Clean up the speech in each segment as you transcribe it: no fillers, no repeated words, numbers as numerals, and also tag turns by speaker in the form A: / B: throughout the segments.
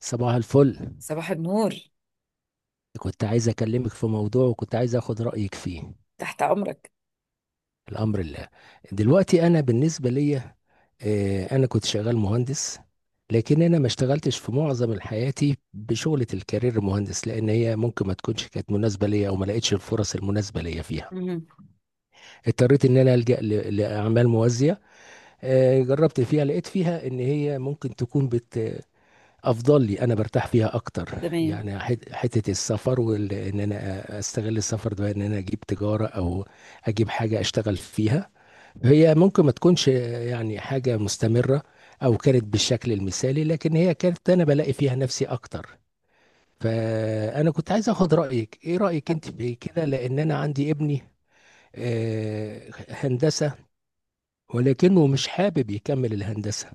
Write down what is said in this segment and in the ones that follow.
A: صباح الفل.
B: صباح النور.
A: كنت عايز اكلمك في موضوع، وكنت عايز اخد رأيك فيه.
B: تحت امرك.
A: الامر الله. دلوقتي انا بالنسبة ليا، انا كنت شغال مهندس، لكن انا ما اشتغلتش في معظم حياتي بشغلة الكارير مهندس، لان هي ممكن ما تكونش كانت مناسبة ليا، او ما لقيتش الفرص المناسبة ليا فيها.
B: امم.
A: اضطريت ان انا الجأ لاعمال موازية. جربت فيها، لقيت فيها ان هي ممكن تكون بت افضل لي، انا برتاح فيها اكتر
B: تمام.
A: يعني حته السفر، وان انا استغل السفر ده ان انا اجيب تجاره، او اجيب حاجه اشتغل فيها. هي ممكن ما تكونش يعني حاجه مستمره او كانت بالشكل المثالي، لكن هي كانت انا بلاقي فيها نفسي اكتر. فانا كنت عايز اخد رايك، ايه رايك انت في كده؟ لان انا عندي ابني، هندسه، ولكنه مش حابب يكمل الهندسه،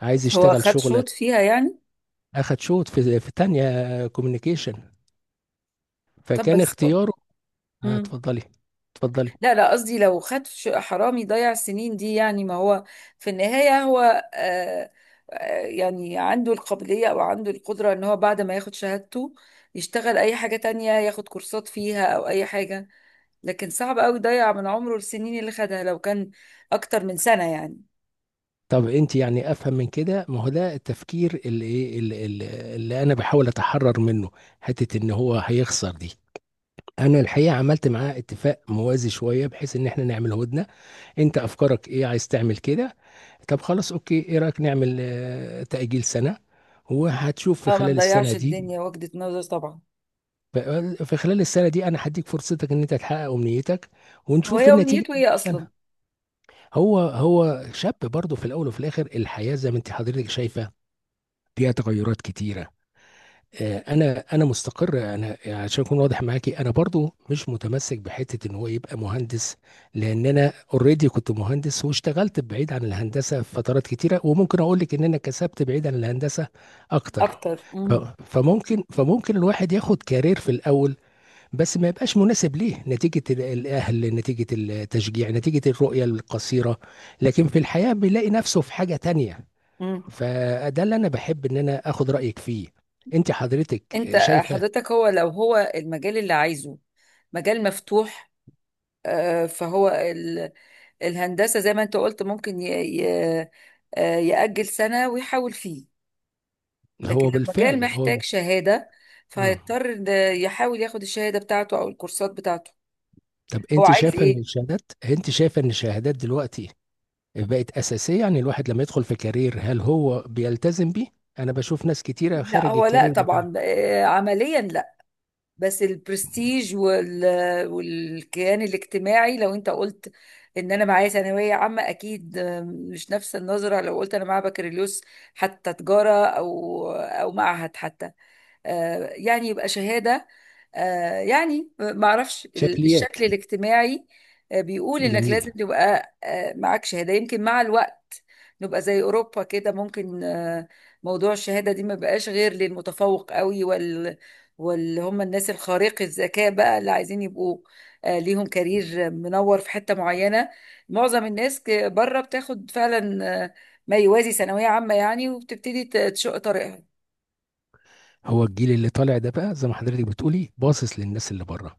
A: عايز
B: بس. هو
A: يشتغل
B: خد
A: شغله.
B: شوط فيها يعني.
A: اخد شوط في تانية كوميونيكيشن،
B: طب
A: فكان
B: بس.
A: اختياره.
B: امم.
A: اتفضلي. اتفضلي.
B: لا لا، قصدي لو خد حرامي ضيع السنين دي يعني، ما هو في النهاية هو آه آه يعني عنده القابلية او عنده القدرة ان هو بعد ما ياخد شهادته يشتغل اي حاجة تانية، ياخد كورسات فيها او اي حاجة، لكن صعب قوي يضيع من عمره السنين اللي خدها لو كان اكتر من سنة يعني.
A: طب انت يعني افهم من كده ما هو ده التفكير، اللي ايه اللي, اللي اللي انا بحاول اتحرر منه؟ حته ان هو هيخسر دي. انا الحقيقه عملت معاه اتفاق موازي شويه بحيث ان احنا نعمل هدنه. انت افكارك ايه؟ عايز تعمل كده؟ طب خلاص، اوكي، ايه رايك نعمل تاجيل سنه، وهتشوف في
B: اه، ما
A: خلال السنه
B: نضيعش
A: دي.
B: الدنيا، وجهة نظر طبعا.
A: ف- في خلال السنه دي انا هديك فرصتك ان انت تحقق امنيتك،
B: هو
A: ونشوف
B: هي
A: النتيجه.
B: امنيته ايه اصلا؟
A: هو شاب برضه، في الاول وفي الاخر الحياه زي ما انت حضرتك شايفه، فيها تغيرات كتيره. انا مستقر، انا عشان اكون واضح معاكي انا برضه مش متمسك بحته ان هو يبقى مهندس، لان انا اوريدي كنت مهندس واشتغلت بعيد عن الهندسه في فترات كتيره، وممكن اقول لك ان انا كسبت بعيد عن الهندسه اكتر.
B: اكتر.
A: ف-
B: امم.
A: فممكن الواحد ياخد كارير في الاول، بس ما يبقاش مناسب ليه، نتيجة الأهل، نتيجة التشجيع، نتيجة الرؤية القصيرة، لكن في الحياة بيلاقي نفسه في حاجة تانية.
B: امم.
A: فده اللي أنا بحب إن أنا أخد رأيك فيه. أنت حضرتك
B: انت
A: شايفة.
B: حضرتك هو لو هو المجال اللي عايزه مجال مفتوح، فهو الهندسة زي ما انت قلت ممكن ي- يأجل سنة ويحاول فيه. لكن
A: هو
B: لو مجال
A: بالفعل هو.
B: محتاج شهادة،
A: آه.
B: فهيضطر إن يحاول ياخد الشهادة بتاعته او الكورسات بتاعته.
A: طب
B: هو
A: أنت
B: عايز
A: شايفة إن
B: ايه؟
A: الشهادات، دلوقتي بقت أساسية؟ يعني الواحد لما يدخل في كارير هل هو بيلتزم بيه؟ أنا بشوف ناس كتيرة
B: لا،
A: خارج
B: هو لا
A: الكارير بتاعها.
B: طبعا، عمليا لا. بس البرستيج والكيان الاجتماعي، لو انت قلت ان انا معايا ثانويه عامه، اكيد مش نفس النظره لو قلت انا معايا بكالوريوس، حتى تجاره او او معهد حتى، يعني يبقى شهادة، يعني معرفش.
A: شكليات.
B: الشكل الاجتماعي بيقول انك
A: جميل.
B: لازم تبقى معاك شهادة. يمكن مع الوقت نبقى زي اوروبا كده، ممكن موضوع الشهادة دي ما بقاش غير للمتفوق قوي وال واللي هم الناس الخارق الذكاء بقى، اللي عايزين يبقوا ليهم كارير منور في حتة معينة. معظم الناس بره بتاخد فعلا ما يوازي ثانوية عامة يعني، وبتبتدي تشق طريقها.
A: هو الجيل اللي طالع ده بقى زي ما حضرتك بتقولي باصص للناس اللي بره،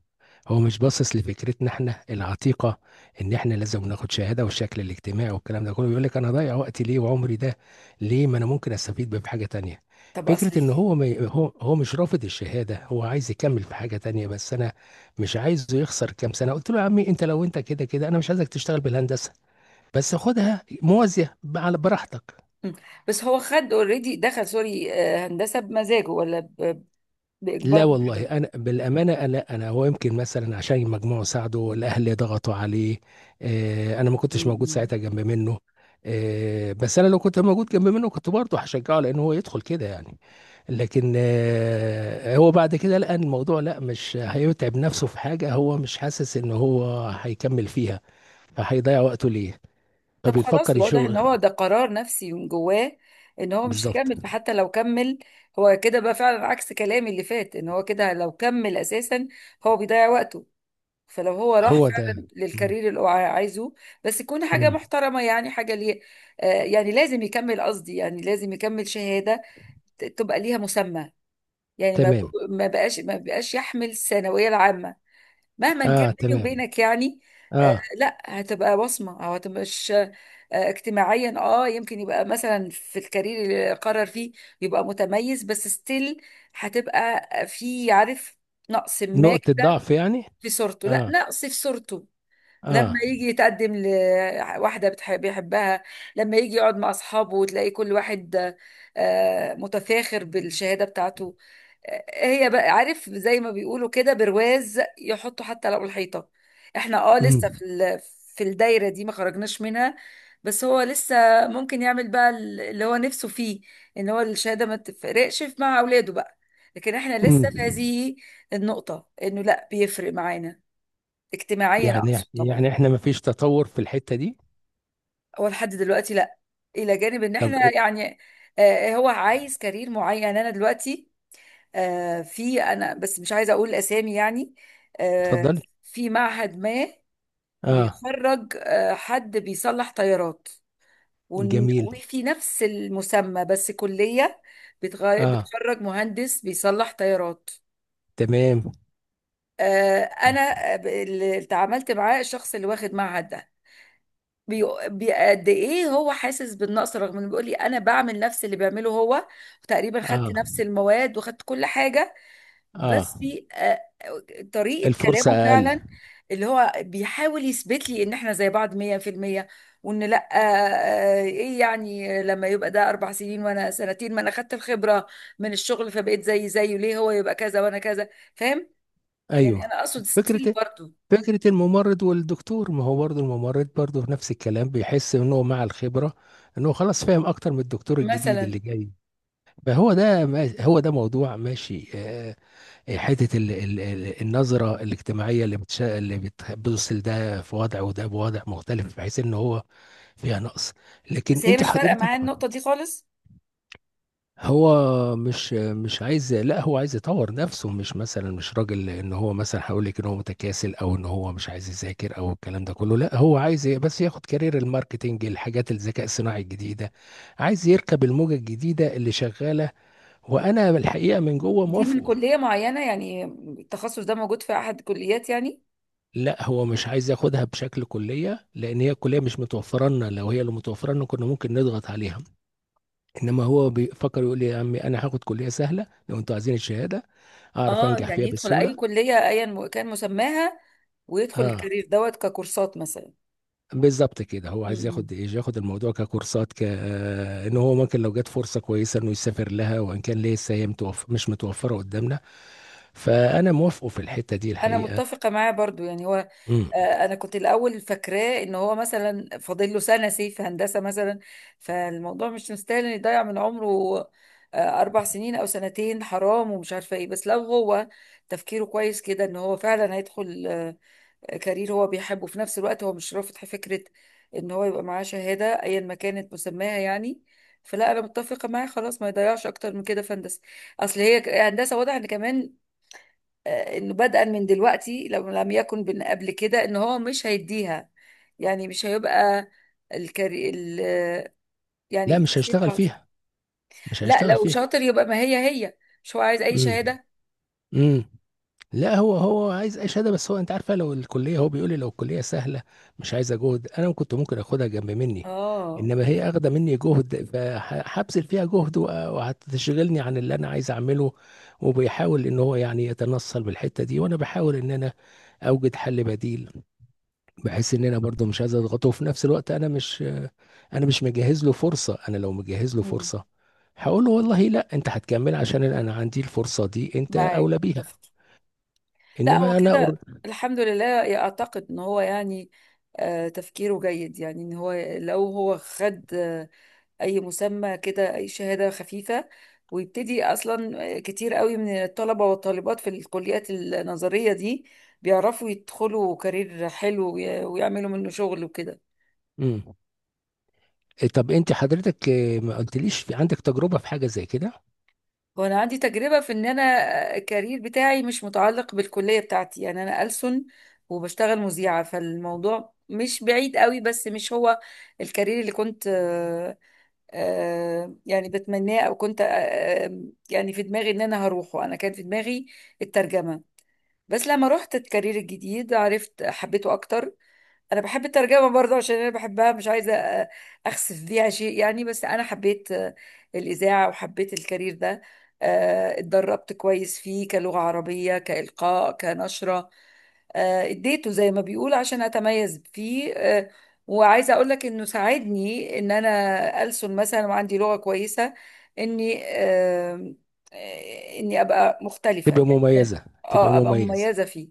A: هو مش باصص لفكرتنا احنا العتيقه ان احنا لازم ناخد شهاده، والشكل الاجتماعي والكلام ده كله بيقول لك انا ضايع وقتي ليه، وعمري ده ليه، ما انا ممكن استفيد بيه في حاجه تانية.
B: طب
A: فكره
B: اصلي،
A: ان هو ما ي- هو مش رافض الشهاده، هو عايز يكمل في حاجه تانية، بس انا مش عايزه يخسر كام سنه. قلت له يا عمي انت لو انت كده كده انا مش عايزك تشتغل بالهندسه، بس خدها موازيه على براحتك.
B: مم. بس هو خد اوريدي دخل سوري هندسة بمزاجه ولا
A: لا
B: بإجبار
A: والله
B: محاضرة؟
A: انا بالامانه، انا هو يمكن مثلا عشان المجموع ساعده والاهل ضغطوا عليه. انا ما كنتش موجود
B: مم.
A: ساعتها جنب منه. بس انا لو كنت موجود جنب منه كنت برضه هشجعه، لان هو يدخل كده يعني. لكن هو بعد كده لقى إن الموضوع، لا مش هيتعب نفسه في حاجه هو مش حاسس ان هو هيكمل فيها، فهيضيع وقته ليه.
B: طب خلاص،
A: فبيفكر
B: واضح ان
A: يشغل.
B: هو ده قرار نفسي من جواه ان هو مش
A: بالظبط.
B: هيكمل، فحتى لو كمل هو كده بقى، فعلا عكس كلامي اللي فات، ان هو كده لو كمل اساسا هو بيضيع وقته. فلو هو راح
A: هو ده.
B: فعلا
A: مم.
B: للكارير اللي هو عايزه، بس يكون حاجة
A: مم.
B: محترمة يعني، حاجة ليه يعني لازم يكمل، قصدي يعني لازم يكمل شهادة تبقى ليها مسمى، يعني ما
A: تمام.
B: ما بقاش يحمل الثانويه العامه مهما كان،
A: اه،
B: بيني
A: تمام.
B: وبينك يعني. آه
A: اه.
B: لا، هتبقى بصمه او هتبقى مش آه، اجتماعيا اه، يمكن يبقى مثلا في الكارير اللي قرر فيه يبقى متميز، بس ستيل هتبقى في عارف نقص ما
A: نقطه
B: كده،
A: ضعف يعني.
B: في صورته، لا
A: اه.
B: نقص في صورته. لما
A: اه.
B: يجي يتقدم لواحده بتحب بيحبها، لما يجي يقعد مع اصحابه وتلاقي كل واحد متفاخر بالشهاده بتاعته، هي بقى عارف زي ما بيقولوا كده، برواز يحطوا حتى لو الحيطة. احنا اه لسه
A: امم.
B: في في الدايرة دي ما خرجناش منها. بس هو لسه ممكن يعمل بقى اللي هو نفسه فيه، ان هو الشهادة ما تفرقش مع اولاده بقى، لكن احنا
A: امم.
B: لسه في هذه النقطة انه لا بيفرق معانا اجتماعيا،
A: يعني
B: اقصد طبعا.
A: احنا ما فيش تطور في الحتة دي.
B: هو لحد دلوقتي لا. الى جانب ان احنا
A: طب إيه؟
B: يعني هو عايز كارير معين. انا دلوقتي في انا بس مش عايزه اقول اسامي يعني، آه،
A: اتفضلي.
B: في معهد ما
A: اه.
B: بيخرج حد بيصلح طيارات،
A: جميل.
B: وفي نفس المسمى بس كليه
A: اه،
B: بتخرج مهندس بيصلح طيارات.
A: تمام.
B: انا اللي اتعاملت معاه الشخص اللي واخد معهد ده قد ايه هو حاسس بالنقص، رغم انه بيقول لي انا بعمل نفس اللي بيعمله هو، وتقريبا خدت
A: اه.
B: نفس المواد وخدت كل حاجه، بس
A: اه.
B: في طريقة
A: الفرصة
B: كلامه
A: اقل.
B: فعلا اللي هو بيحاول يثبت لي ان احنا زي بعض 100%، وان لا ايه يعني لما يبقى ده اربع سنين وانا سنتين، ما انا خدت الخبرة من الشغل فبقيت زي زيه، ليه هو يبقى كذا وانا كذا؟ فاهم يعني،
A: ايوه.
B: انا اقصد
A: فكرة
B: ستيل
A: إيه؟
B: برضو.
A: فكرة الممرض والدكتور، ما هو برضه الممرض برضه نفس الكلام، بيحس انه مع الخبرة انه خلاص فاهم اكتر من الدكتور الجديد اللي
B: مثلا.
A: جاي. فهو ده هو ده موضوع ماشي، حته النظره الاجتماعيه اللي بتش... اللي بتح- بتوصل ده في وضع، وده بوضع مختلف، بحيث ان هو فيها نقص. لكن
B: بس هي
A: انت
B: مش فارقة معايا
A: حضرتك،
B: النقطة دي خالص.
A: هو مش عايز، لا هو عايز يطور نفسه، مش مثلا مش راجل، ان هو مثلا هقول لك ان هو متكاسل، او ان هو مش عايز يذاكر، او الكلام ده كله، لا هو عايز بس ياخد كارير الماركتينج، الحاجات الذكاء الصناعي الجديده، عايز يركب الموجه الجديده اللي شغاله، وانا الحقيقه من جوه
B: دي من
A: موافقه.
B: كلية معينة يعني؟ التخصص ده موجود في احد الكليات يعني؟
A: لا هو مش عايز ياخدها بشكل كلية، لأن هي الكلية مش متوفرة لنا، لو هي اللي متوفرة لنا كنا ممكن نضغط عليها. إنما هو بيفكر يقول لي يا عمي أنا هاخد كلية سهلة لو أنتوا عايزين الشهادة، أعرف
B: اه،
A: أنجح
B: يعني
A: فيها
B: يدخل اي
A: بسهولة.
B: كليه ايا كان مسماها، ويدخل
A: آه،
B: الكارير دوت ككورسات مثلا.
A: بالظبط كده. هو عايز
B: مم.
A: ياخد إيه، ياخد الموضوع ككورسات، إن هو ممكن لو جت فرصة كويسة إنه يسافر لها، وإن كان لسه هي متوفر مش متوفرة قدامنا. فأنا موافقه في الحتة دي
B: انا
A: الحقيقة.
B: متفقه معاه برضو يعني هو
A: مم.
B: انا كنت الاول فاكراه ان هو مثلا فاضل له سنه سي في هندسه مثلا، فالموضوع مش مستاهل ان يضيع من عمره اربع سنين او سنتين، حرام ومش عارفه ايه. بس لو هو تفكيره كويس كده، ان هو فعلا هيدخل كارير هو بيحبه، في نفس الوقت هو مش رافض فكرة ان هو يبقى معاه شهادة ايا ما كانت مسماها يعني، فلا، انا متفقة معاه خلاص، ما يضيعش اكتر من كده في هندسة. اصل هي هندسة واضح ان كمان انه بدءا من دلوقتي، لو لم يكن من قبل كده، ان هو مش هيديها، يعني مش هيبقى الكاري ال آه،
A: لا
B: يعني
A: مش
B: تحصيل
A: هيشتغل
B: حظ.
A: فيها. مش
B: لا،
A: هيشتغل
B: لو
A: فيها.
B: شاطر يبقى، ما هي هي مش هو عايز اي
A: مم.
B: شهادة.
A: مم. لا هو عايز اي شهاده، بس هو انت عارفه لو الكليه، هو بيقول لي لو الكليه سهله مش عايزه جهد، انا كنت ممكن اخدها جنب مني.
B: اه.
A: انما هي اخده مني جهد، فهبذل فيها جهد، وهتشغلني عن اللي انا عايز اعمله. وبيحاول ان هو يعني يتنصل بالحته دي، وانا بحاول ان انا اوجد حل بديل، بحيث ان انا برضه مش عايز اضغطه، وفي نفس الوقت انا مش، انا مش مجهز له فرصه. انا لو مجهز له
B: مم.
A: فرصه هقول له والله لا انت هتكمل، عشان انا عندي الفرصه دي انت
B: معاك
A: اولى بيها.
B: متفق. لا هو
A: انما انا.
B: كده الحمد لله، اعتقد ان هو يعني تفكيره جيد، يعني ان هو لو هو خد اي مسمى كده، اي شهادة خفيفة، ويبتدي اصلا. كتير قوي من الطلبة والطالبات في الكليات النظرية دي بيعرفوا يدخلوا كارير حلو ويعملوا منه شغل وكده.
A: امم. طب انت حضرتك، ما قلتليش، في عندك تجربة في حاجة زي كده؟
B: وانا عندي تجربه في ان انا الكارير بتاعي مش متعلق بالكليه بتاعتي، يعني انا ألسن وبشتغل مذيعه، فالموضوع مش بعيد قوي، بس مش هو الكارير اللي كنت يعني بتمناه، او كنت آه، يعني في دماغي ان انا هروحه. انا كان في دماغي الترجمه، بس لما رحت الكارير الجديد عرفت حبيته اكتر. انا بحب الترجمه برضه، عشان انا بحبها مش عايزه اخسف بيها شيء يعني، بس انا حبيت الاذاعه وحبيت الكارير ده. اتدربت كويس فيه كلغه عربيه، كالقاء، كنشره، اديته زي ما بيقول عشان اتميز فيه. وعايزه اقول لك انه ساعدني ان انا ألسن مثلا وعندي لغه كويسه، اني اني ابقى مختلفه
A: تبقى
B: يعني.
A: مميزة، تبقى
B: اه، ابقى
A: مميزة.
B: مميزه فيه.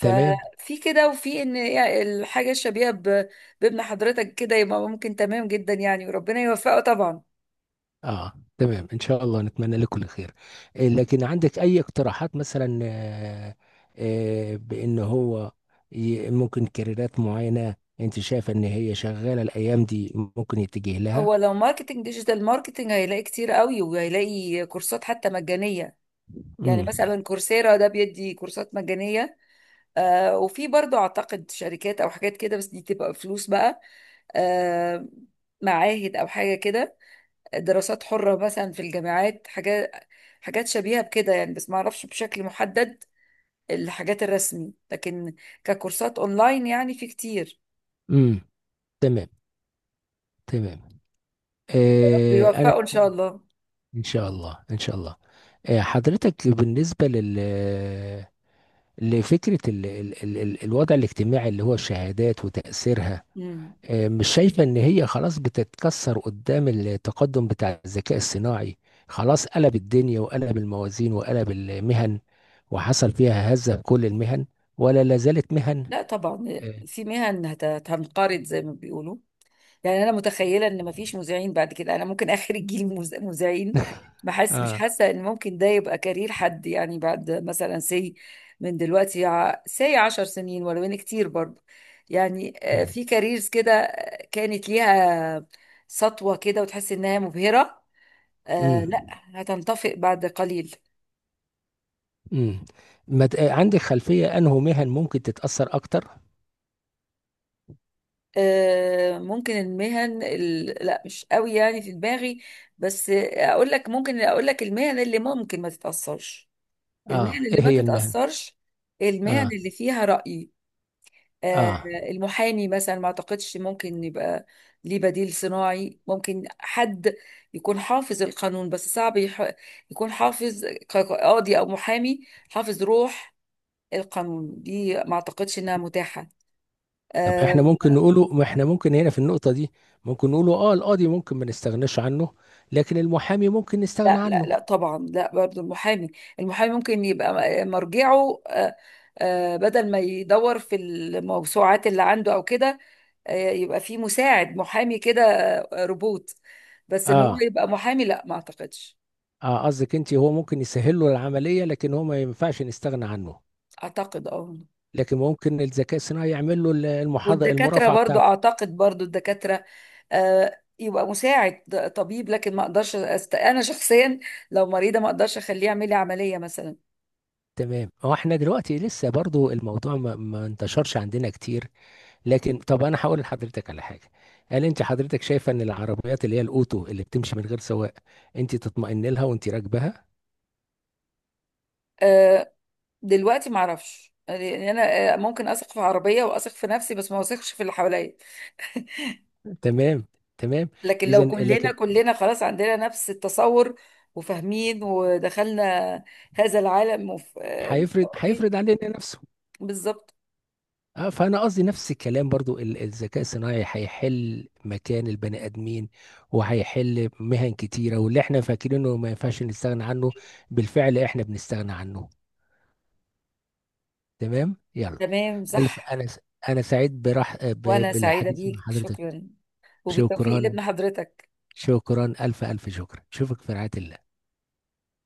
A: تمام.
B: في كده، وفي ان يعني الحاجه الشبيهه بابن حضرتك كده، يبقى ممكن تمام جدا يعني، وربنا يوفقه طبعا.
A: اه، تمام ان شاء الله، نتمنى لك كل خير. لكن عندك اي اقتراحات مثلا؟ بان هو ممكن كاريرات معينة انت شايفة ان هي شغالة الايام دي ممكن يتجه لها؟
B: هو لو ماركتنج، ديجيتال ماركتنج، هيلاقي كتير قوي وهيلاقي كورسات حتى مجانيه. يعني
A: امم.
B: مثلا كورسيرا ده بيدي كورسات مجانيه. آه، وفي برضو اعتقد شركات او حاجات كده، بس دي تبقى فلوس بقى. آه، معاهد او حاجه كده، دراسات حره مثلا في الجامعات، حاجات حاجات شبيهه بكده يعني، بس ما اعرفش بشكل محدد الحاجات الرسمي، لكن ككورسات اونلاين يعني في كتير.
A: امم. تمام. تمام. آه، انا.
B: بيوفقوا ان شاء الله.
A: ان شاء الله، ان شاء الله. آه، حضرتك بالنسبه لل، لفكرة ال ال ال ال الوضع الاجتماعي اللي هو الشهادات وتأثيرها،
B: مم.
A: مش شايفة ان هي خلاص بتتكسر قدام التقدم بتاع الذكاء الصناعي؟ خلاص قلب الدنيا وقلب الموازين وقلب المهن، وحصل فيها هزة في كل المهن، ولا لازالت مهن؟
B: لا طبعا،
A: إيه.
B: في مهن هتنقرض زي ما بيقولوا، يعني انا متخيله ان مفيش مذيعين بعد كده، انا ممكن اخر الجيل مذيعين. بحس، مش
A: اه.
B: حاسه ان ممكن ده يبقى كارير حد، يعني بعد مثلا سي من دلوقتي، سي عشر سنين. ولو ان كتير برضه يعني
A: مم.
B: في كاريرز كده كانت ليها سطوه كده وتحس انها مبهره، آه لا،
A: مم.
B: هتنطفئ بعد قليل.
A: مم. ما ت- عندك خلفية انه مهن ممكن تتأثر اكتر؟
B: آه ممكن لا مش قوي يعني في دماغي، بس اقول لك، ممكن اقول لك المهن اللي ممكن ما تتأثرش. المهن
A: اه،
B: اللي
A: ايه
B: ما
A: هي المهن؟
B: تتأثرش المهن
A: اه.
B: اللي فيها رأي. آه،
A: اه.
B: المحامي مثلا ما اعتقدش ممكن يبقى ليه بديل صناعي، ممكن حد يكون حافظ القانون، بس صعب يكون حافظ قاضي او محامي حافظ روح القانون، دي ما اعتقدش انها متاحة
A: طب
B: آه،
A: احنا ممكن نقوله، ما احنا ممكن هنا في النقطة دي ممكن نقوله، اه القاضي ممكن ما نستغناش عنه، لكن المحامي ممكن نستغنى
B: لا لا
A: عنه.
B: لا طبعا، لا برضو المحامي، المحامي ممكن يبقى مرجعه بدل ما يدور في الموسوعات اللي عنده او كده يبقى في مساعد محامي كده، روبوت، بس ان هو
A: اه.
B: يبقى محامي لا، ما اعتقدش.
A: اه، قصدك انت هو ممكن يسهل له العملية، لكن هو ما ينفعش نستغنى عنه،
B: اعتقد اه.
A: لكن ممكن الذكاء الصناعي يعمل له المحاضرة
B: والدكاترة
A: المرافعة
B: برضو،
A: بتاعته.
B: اعتقد برضو الدكاترة يبقى مساعد طبيب، لكن ما اقدرش انا شخصيا لو مريضة ما اقدرش اخليه يعمل لي عملية مثلا.
A: تمام. هو احنا دلوقتي لسه برضو الموضوع ما انتشرش عندنا كتير، لكن طب انا هقول لحضرتك على حاجة. هل انت حضرتك شايفة ان العربيات اللي هي الاوتو اللي بتمشي من غير سواق، انت تطمئن لها وانت راكبها؟
B: آه، دلوقتي ما اعرفش يعني انا ممكن اثق في عربيه واثق في نفسي، بس ما اثقش في اللي حواليا.
A: تمام. تمام.
B: لكن لو
A: اذا،
B: كلنا
A: لكن
B: كلنا خلاص عندنا نفس التصور وفاهمين ودخلنا هذا العالم وف... آه،
A: هيفرض علينا نفسه.
B: بالظبط.
A: اه، فانا قصدي نفس الكلام، برضو الذكاء الصناعي هيحل مكان البني ادمين، وهيحل مهن كتيره، واللي احنا فاكرينه ما ينفعش نستغنى عنه بالفعل احنا بنستغنى عنه. تمام يلا.
B: تمام
A: الف
B: صح.
A: انا سعيد
B: وانا سعيده
A: بالحديث مع
B: بيك،
A: حضرتك.
B: شكرا، وبالتوفيق
A: شكرا.
B: لابن حضرتك.
A: شكرا، الف الف شكرا، اشوفك في رعايه الله.